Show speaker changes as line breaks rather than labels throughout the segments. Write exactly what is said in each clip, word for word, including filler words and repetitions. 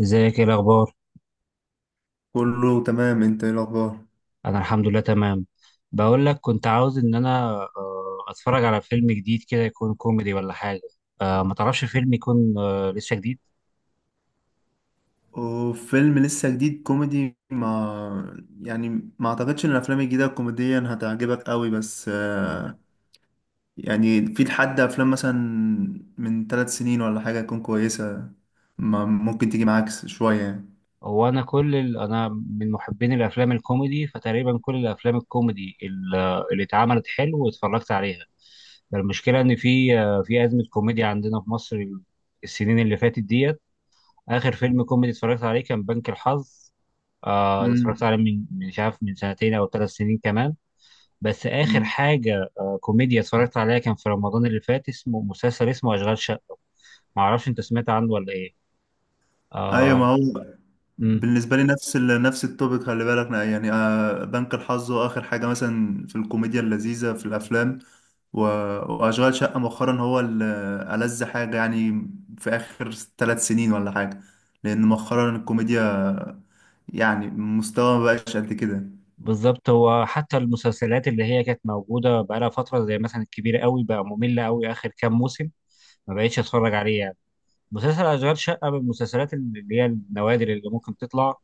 ازيك؟ ايه الاخبار؟
كله تمام، انت ايه الاخبار؟
انا الحمد لله تمام. بقول لك كنت عاوز ان انا آه، اتفرج على فيلم جديد كده، يكون كوميدي ولا حاجه. آه، ما تعرفش فيلم يكون آه، لسه جديد؟
وفيلم لسه جديد كوميدي ما يعني، ما اعتقدش ان الافلام الجديده كوميديا هتعجبك قوي، بس آه، يعني في لحد افلام مثلا من ثلاث سنين ولا حاجه تكون كويسه ما ممكن تيجي معاك شويه يعني.
هو انا كل ال... انا من محبين الافلام الكوميدي، فتقريبا كل الافلام الكوميدي ال- آه، اللي اتعملت حلو واتفرجت عليها. المشكله ان في آه، في ازمه كوميديا عندنا في مصر، السنين اللي فاتت ديت. اخر فيلم كوميدي اتفرجت عليه كان بنك الحظ، آه، اتفرجت
امم
عليه من من- مش عارف، من سنتين او ثلاث سنين كمان. بس آخر
أمم.
حاجة آه، كوميديا اتفرجت عليها كان في رمضان اللي فات، اسمه مسلسل اسمه أشغال شقة. معرفش أنت سمعت عنه ولا إيه؟
ايوه، ما
آه.
هو
مم.
بالنسبة لي نفس ال... نفس التوبيك، خلي بالك يعني، آه، بنك الحظ، وآخر حاجة مثلا في الكوميديا اللذيذة في الأفلام، و... وأشغال شقة مؤخرا هو ال- ألذ حاجة يعني في آخر ثلاث سنين ولا حاجة، لأن مؤخرا الكوميديا يعني مستوى مبقاش قد كده.
بالظبط، هو حتى المسلسلات اللي هي كانت موجودة بقالها فترة، زي مثلا الكبير قوي بقى ممل قوي آخر كام موسم، ما بقتش أتفرج عليه يعني. مسلسل أشغال شقة من المسلسلات اللي هي النوادر اللي ممكن تطلع.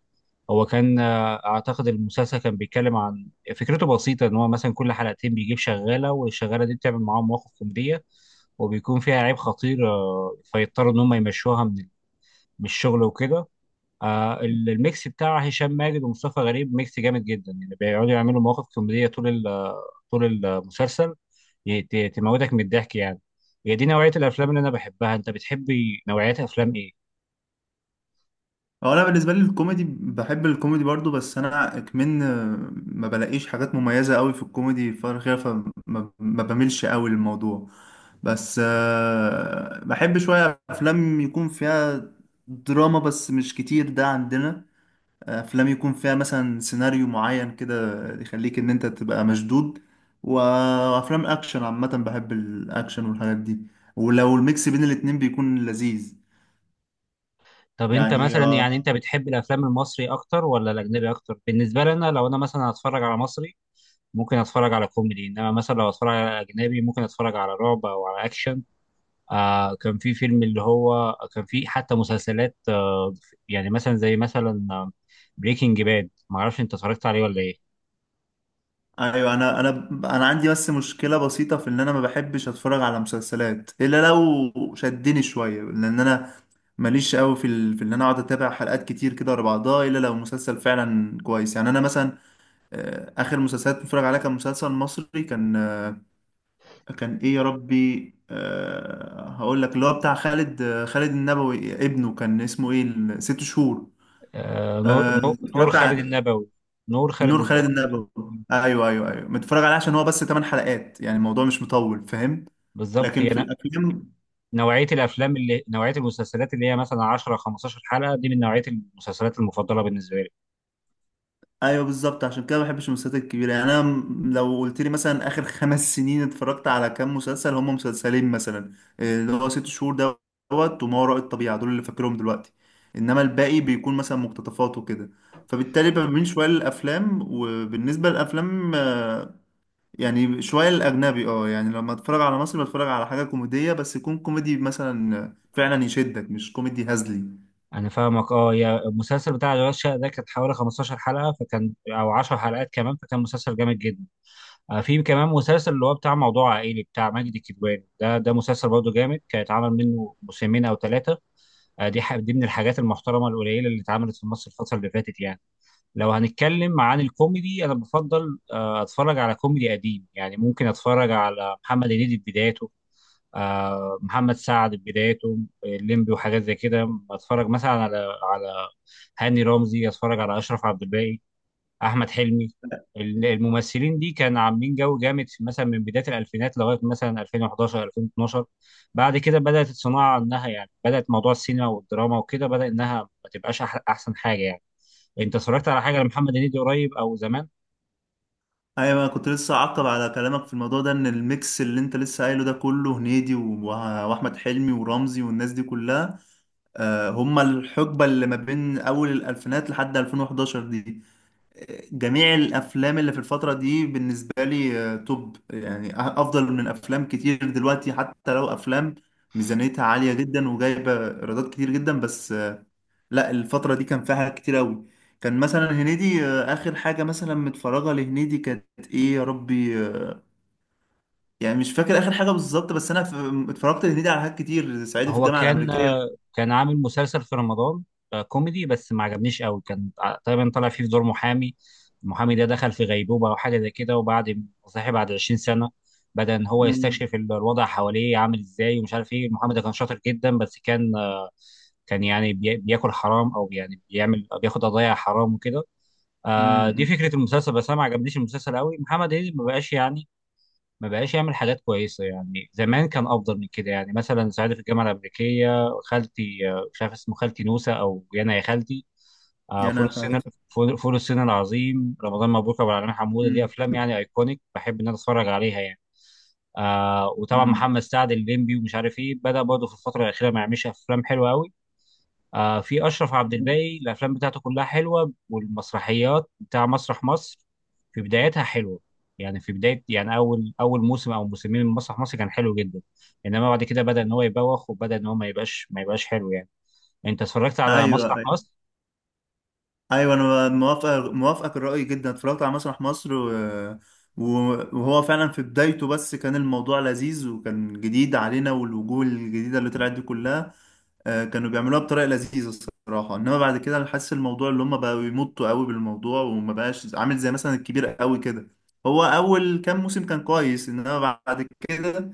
هو كان آه، اعتقد المسلسل كان بيتكلم عن، فكرته بسيطه ان هو مثلا كل حلقتين بيجيب شغاله، والشغاله دي بتعمل معاهم مواقف كوميديه وبيكون فيها عيب خطير، آه، فيضطروا ان هم يمشوها من من الشغل وكده. آه، ال- الميكس بتاع هشام ماجد ومصطفى غريب ميكس جامد جدا، يعني بيقعدوا يعملوا مواقف كوميديه طول ال- طول المسلسل. ي- ت- تموتك من الضحك يعني. هي دي نوعيه الافلام اللي انا بحبها، انت بتحبي نوعيات افلام ايه؟
هو انا بالنسبه لي الكوميدي، بحب الكوميدي برضو، بس انا كمان ما بلاقيش حاجات مميزه قوي في الكوميدي، فانا فما ما بميلش قوي للموضوع، بس آه، بحب شويه افلام يكون فيها دراما بس مش كتير، ده عندنا افلام يكون فيها مثلا سيناريو معين كده يخليك ان انت تبقى مشدود، وافلام اكشن عامه، بحب الاكشن والحاجات دي، ولو الميكس بين الاتنين بيكون لذيذ.
طب انت
يعني
مثلا،
آه،
يعني انت بتحب الافلام المصري اكتر ولا الاجنبي اكتر؟ بالنسبه لي انا، لو انا مثلا هتفرج على مصري ممكن اتفرج على كوميدي، انما مثلا لو اتفرج على اجنبي ممكن اتفرج على رعب او على اكشن. آه، كان في فيلم اللي هو كان، في حتى مسلسلات آه، يعني مثلا زي مثلا بريكنج باد، ما اعرفش انت اتفرجت عليه ولا ايه؟
ايوه. انا انا انا عندي بس مشكله بسيطه في ان انا ما بحبش اتفرج على مسلسلات الا لو شدني شويه، لان انا ماليش قوي في ال... في ان انا اقعد اتابع حلقات كتير كده ورا بعضها الا لو مسلسل فعلا كويس. يعني انا مثلا آه، اخر مسلسلات بتفرج عليها كان مسلسل مصري، كان آه، كان ايه يا ربي، آه، هقول لك اللي هو بتاع خالد، آه، خالد النبوي، ابنه كان اسمه ايه ال- ست شهور.
آه نور،
آه،
نور نور
اتفرجت.
خالد النبوي. نور خالد
نور خالد
النبوي.
النبوي. ايوه ايوه ايوه، متفرج عليه عشان هو بس تمن حلقات، يعني الموضوع مش مطول، فاهم؟
بالظبط
لكن في
يعني،
الافلام
نوعية الأفلام اللي نوعية المسلسلات اللي هي مثلا عشر خمستاشر حلقة دي من نوعية المسلسلات المفضلة بالنسبة لي.
ايوه، بالظبط. عشان كده ما بحبش المسلسلات الكبيره، يعني انا م- لو قلت لي مثلا اخر خمس سنين اتفرجت على كام مسلسل، هم مسلسلين مثلا، إيه، اللي هو ست شهور دوت وما وراء الطبيعه، دول اللي فاكرهم دلوقتي، انما الباقي بيكون مثلا مقتطفات وكده. فبالتالي بميل شويه للافلام، وبالنسبه للافلام آه، يعني شوية الأجنبي اه. يعني لما أتفرج على مصري بتفرج على حاجة كوميدية، بس يكون كوميدي مثلا فعلا يشدك، مش كوميدي هزلي.
أنا فاهمك أه. يا المسلسل بتاع أشغال شقة ده كانت حوالي خمستاشر حلقة، فكان أو عشرة حلقات كمان، فكان مسلسل جامد جدا. آه، في كمان مسلسل اللي هو بتاع موضوع عائلي بتاع ماجد الكدواني، ده ده مسلسل برضه جامد، كان اتعمل منه موسمين أو ثلاثة. آه، دي ح- دي من الحاجات المحترمة القليلة اللي اتعملت في مصر الفترة اللي فاتت يعني. لو هنتكلم عن الكوميدي، أنا بفضل آه أتفرج على كوميدي قديم، يعني ممكن أتفرج على محمد هنيدي في بدايته، آه، محمد سعد في بدايته، الليمبي وحاجات زي كده. بتفرج مثلا على، على هاني رمزي، اتفرج على اشرف عبد الباقي، احمد حلمي. ال- الممثلين دي كانوا عاملين جو جامد، في- مثلا من بدايه الالفينات لغايه مثلا ألفين وحداشر ألفين واتناشر. بعد كده بدات الصناعه انها يعني بدات موضوع السينما والدراما وكده، بدا انها ما تبقاش أح- احسن حاجه يعني. انت اتفرجت على حاجه لمحمد هنيدي قريب او زمان؟
أيوة، أنا كنت لسه أعقب على كلامك في الموضوع ده، إن الميكس اللي أنت لسه قايله ده، كله هنيدي و- وأحمد حلمي ورمزي والناس دي كلها، آه، هما الحقبة اللي ما بين أول الألفينات لحد ألفين وأحد عشر دي. جميع الافلام اللي في الفتره دي بالنسبه لي آه، توب يعني، أ- افضل من افلام كتير دلوقتي، حتى لو افلام ميزانيتها عاليه جدا وجايبه ايرادات كتير جدا، بس آه، لا، الفتره دي كان فيها حاجات كتير قوي. كان مثلا هنيدي، آه، اخر حاجه مثلا متفرجه لهنيدي كانت ايه يا ربي، آه، يعني مش فاكر اخر حاجه بالظبط، بس انا ف- اتفرجت لهنيدي على حاجات كتير، صعيدي في
هو
الجامعه
كان
الامريكيه.
آه، كان عامل مسلسل في رمضان، آه، كوميدي بس ما عجبنيش قوي، كان ع- تقريبا طلع فيه في دور محامي. المحامي ده دخل في غيبوبة او حاجة زي كده، وبعد صحي بعد عشرين سنة بدأ ان هو
امم
يستكشف ال- الوضع حواليه عامل ازاي ومش عارف ايه. المحامي ده كان شاطر جدا بس كان آه، كان يعني بي- بياكل حرام، او يعني بيعمل بياخد قضايا حرام وكده.
امم
آه، دي
امم.
فكرة المسلسل، بس انا ما عجبنيش المسلسل قوي. محمد هنيدي ما بقاش يعني، ما بقاش يعمل حاجات كويسة يعني، زمان كان أفضل من كده. يعني مثلا ساعتي في الجامعة الأمريكية، خالتي، آه، مش عارف اسمه، خالتي نوسة أو يانا يا خالتي، آه،
يا
فول
انا
الصين،
خالتي.
فول فول الصين العظيم، رمضان مبروك أبو العلمين، حمودة، دي
امم
أفلام يعني أيكونيك بحب إن أنا أتفرج عليها يعني. آه وطبعا
امم
محمد سعد الليمبي ومش عارف إيه، بدأ برضه في الفترة الأخيرة ما يعملش أفلام حلوة أوي. آه في اشرف عبد الباقي الافلام بتاعته كلها حلوه، والمسرحيات بتاع مسرح مصر في بدايتها حلوه. يعني في بدايه يعني، اول اول موسم او موسمين من مسرح مصر كان حلو جدا، انما بعد كده بدا ان هو يبوخ، وبدا ان هو ما يبقاش ما يبقاش حلو يعني. انت اتفرجت على
ايوه
مسرح
أيوه.
مصر؟
ايوه، انا موافق موافقك الرأي جدا، اتفرجت على مسرح مصر، و... و- وهو فعلا في بدايته بس كان الموضوع لذيذ، وكان جديد علينا، والوجوه الجديدة اللي طلعت دي كلها، آه، كانوا بيعملوها بطريقة لذيذة الصراحة، انما بعد كده انا حاسس الموضوع اللي هم بقوا يمطوا قوي بالموضوع، وما بقاش عامل زي مثلا الكبير قوي كده. هو اول كام موسم كان كويس، انما بعد كده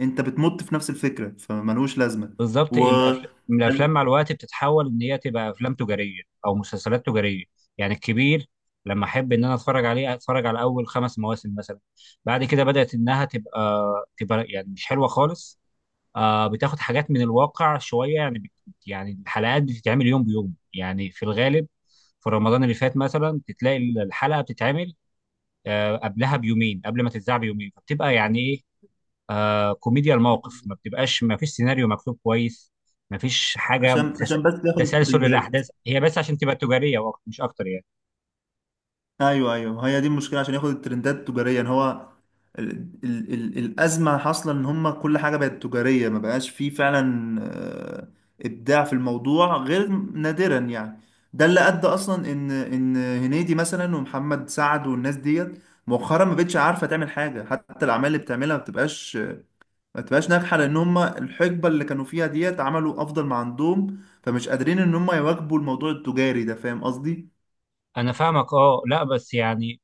انت بتمط في نفس الفكرة، فملوش لازمة.
بالظبط.
و
الأفل- الافلام مع الوقت بتتحول ان هي تبقى افلام تجاريه او مسلسلات تجاريه. يعني الكبير لما احب ان انا اتفرج عليه، اتفرج على اول خمس مواسم مثلا، بعد كده بدات انها تبقى، تبقى يعني مش حلوه خالص. آه بتاخد حاجات من الواقع شويه، يعني بت- يعني الحلقات بتتعمل يوم بيوم يعني في الغالب. في رمضان اللي فات مثلا بتلاقي الحلقه بتتعمل آه قبلها بيومين، قبل ما تتذاع بيومين، فبتبقى يعني ايه، آه كوميديا الموقف، ما بتبقاش، ما فيش سيناريو مكتوب كويس، ما فيش حاجه
عشان
تس-
عشان بس ياخد
تسلسل
الترندات.
الاحداث، هي بس عشان تبقى تجاريه وأكتر- مش اكتر يعني.
ايوه ايوه، ما هي دي المشكله، عشان ياخد الترندات تجاريا. هو ال ال ال الازمه حاصله ان هم كل حاجه بقت تجاريه، ما بقاش فيه فعلا آه، ابداع في الموضوع غير نادرا يعني. ده اللي ادى اصلا ان ان هنيدي مثلا ومحمد سعد والناس ديت مؤخرا ما بقتش عارفه تعمل حاجه، حتى الاعمال اللي بتعملها ما بتبقاش ما بتبقاش ناجحه، لان هم الحقبه اللي كانوا فيها ديت عملوا افضل ما عندهم، فمش قادرين ان هم يواكبوا الموضوع التجاري ده، فاهم قصدي؟
انا فاهمك اه. لا بس يعني،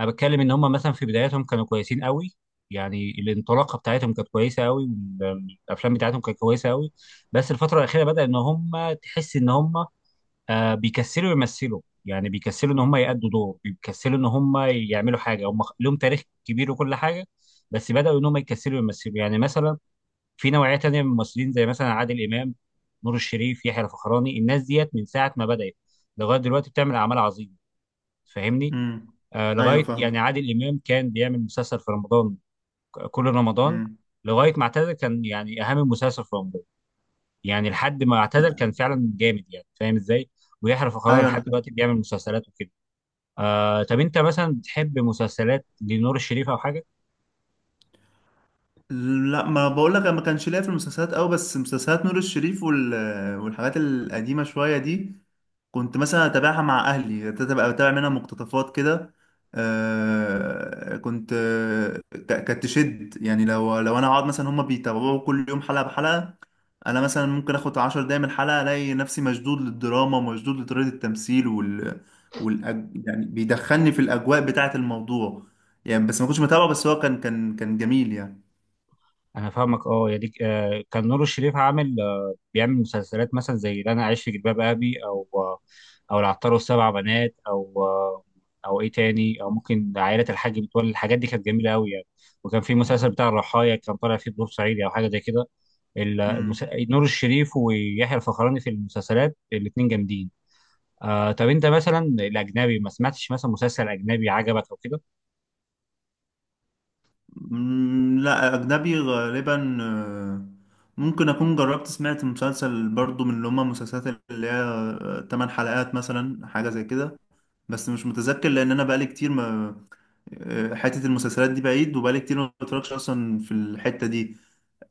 انا بتكلم ان هم مثلا في بداياتهم كانوا كويسين قوي، يعني الانطلاقه بتاعتهم كانت كويسه قوي، والافلام بتاعتهم كانت كويسه قوي. بس الفتره الاخيره بدا ان هم، تحس ان هم آه، بيكسلوا يمثلوا، يعني بيكسلوا ان هم يأدوا دور، بيكسلوا ان هم يعملوا حاجه. هم لهم تاريخ كبير وكل حاجه، بس بداوا ان هم يكسلوا يمثلوا. يعني مثلا في نوعيه تانيه من الممثلين زي مثلا عادل امام، نور الشريف، يحيى الفخراني، الناس ديت من ساعه ما بدات لغايه دلوقتي بتعمل اعمال عظيمه. فاهمني؟
امم.
آه،
ايوه
لغايه يعني
فاهمه.
عادل امام كان بيعمل مسلسل في رمضان، ك- كل رمضان لغايه ما اعتزل، كان يعني اهم مسلسل في رمضان، يعني لحد ما اعتزل كان فعلا جامد يعني، فاهم ازاي؟ ويحرف القناه
ايوه انا
لحد دلوقتي
فاهم.
بيعمل مسلسلات وكده. آه طب انت مثلا بتحب مسلسلات لنور الشريف او حاجه؟
لا، ما بقول لك انا ما كانش ليا في المسلسلات قوي، بس مسلسلات نور الشريف وال... والحاجات القديمه شويه دي كنت مثلا اتابعها مع اهلي، تبقى بتابع منها مقتطفات كده. آه كنت، آه، ك- كانت تشد يعني، لو لو انا اقعد مثلا هما بيتابعوا كل يوم حلقة بحلقة، انا مثلا ممكن اخد عشر دقايق من الحلقة الاقي نفسي مشدود للدراما ومشدود لطريقة التمثيل وال والأج... يعني بيدخلني في الاجواء بتاعة الموضوع يعني، بس ما كنتش متابعه، بس هو كان كان كان جميل
انا فاهمك اه. يعني آه، كان نور الشريف عامل آه، بيعمل مسلسلات مثلا زي اللي انا عايش في جلباب ابي، او آه، او العطار والسبع بنات، او آه، او ايه تاني، او ممكن عائله الحاج متولي. الحاجات دي كانت جميله قوي يعني. وكان في مسلسل بتاع الرحايا كان طالع فيه بدور صعيدي او حاجه زي كده. ال- المس...
يعني.
نور الشريف ويحيى الفخراني في المسلسلات الاثنين جامدين. آه طب انت مثلا الاجنبي، ما سمعتش مثلا مسلسل اجنبي عجبك او كده؟
مم، لا. أجنبي غالبا آه، ممكن أكون جربت سمعت مسلسل برضو من اللي هما المسلسلات اللي هي آه، تمن حلقات مثلا حاجة زي كده، بس مش متذكر لأن أنا بقالي كتير ما، آه، حتة المسلسلات دي بعيد، وبقالي كتير ما بتفرجش أصلا في الحتة دي.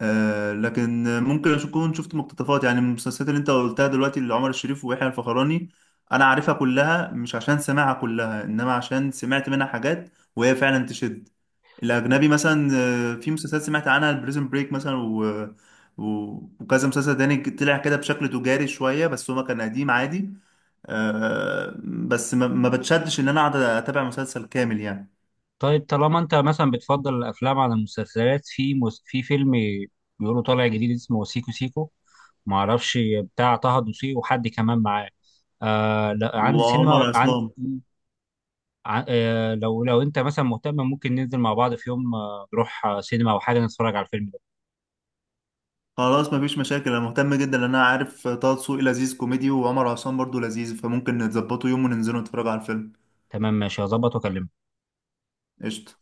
آه، لكن ممكن أكون شفت مقتطفات يعني من المسلسلات اللي أنت قلتها دلوقتي، اللي عمر الشريف ويحيى الفخراني، أنا عارفها كلها مش عشان سامعها كلها، إنما عشان سمعت منها حاجات وهي فعلا تشد. الأجنبي مثلا آه، في مسلسلات سمعت عنها البريزن بريك مثلا و... و... وكذا مسلسل تاني طلع كده بشكل تجاري شوية، بس هو كان قديم عادي. آه بس ما, ما بتشدش إن أنا أقعد أتابع مسلسل كامل يعني.
طيب طالما انت مثلا بتفضل الافلام على المسلسلات، في مس... في فيلم بيقولوا طالع جديد اسمه سيكو سيكو، ما اعرفش بتاع طه دسوقي وحد كمان معاه، آه لا عندي
وعمر
سينما عند،
عصام.
ع- آه لو لو انت مثلا مهتم ممكن ننزل مع بعض في يوم آه، نروح آه، سينما او حاجه نتفرج على الفيلم ده.
خلاص مفيش مشاكل، انا مهتم جدا لان انا عارف طه دسوقي لذيذ كوميدي، وعمر عصام برضو لذيذ، فممكن نتظبطوا يوم وننزلوا نتفرج على الفيلم.
تمام ماشي، هظبط واكلمك.
قشطة.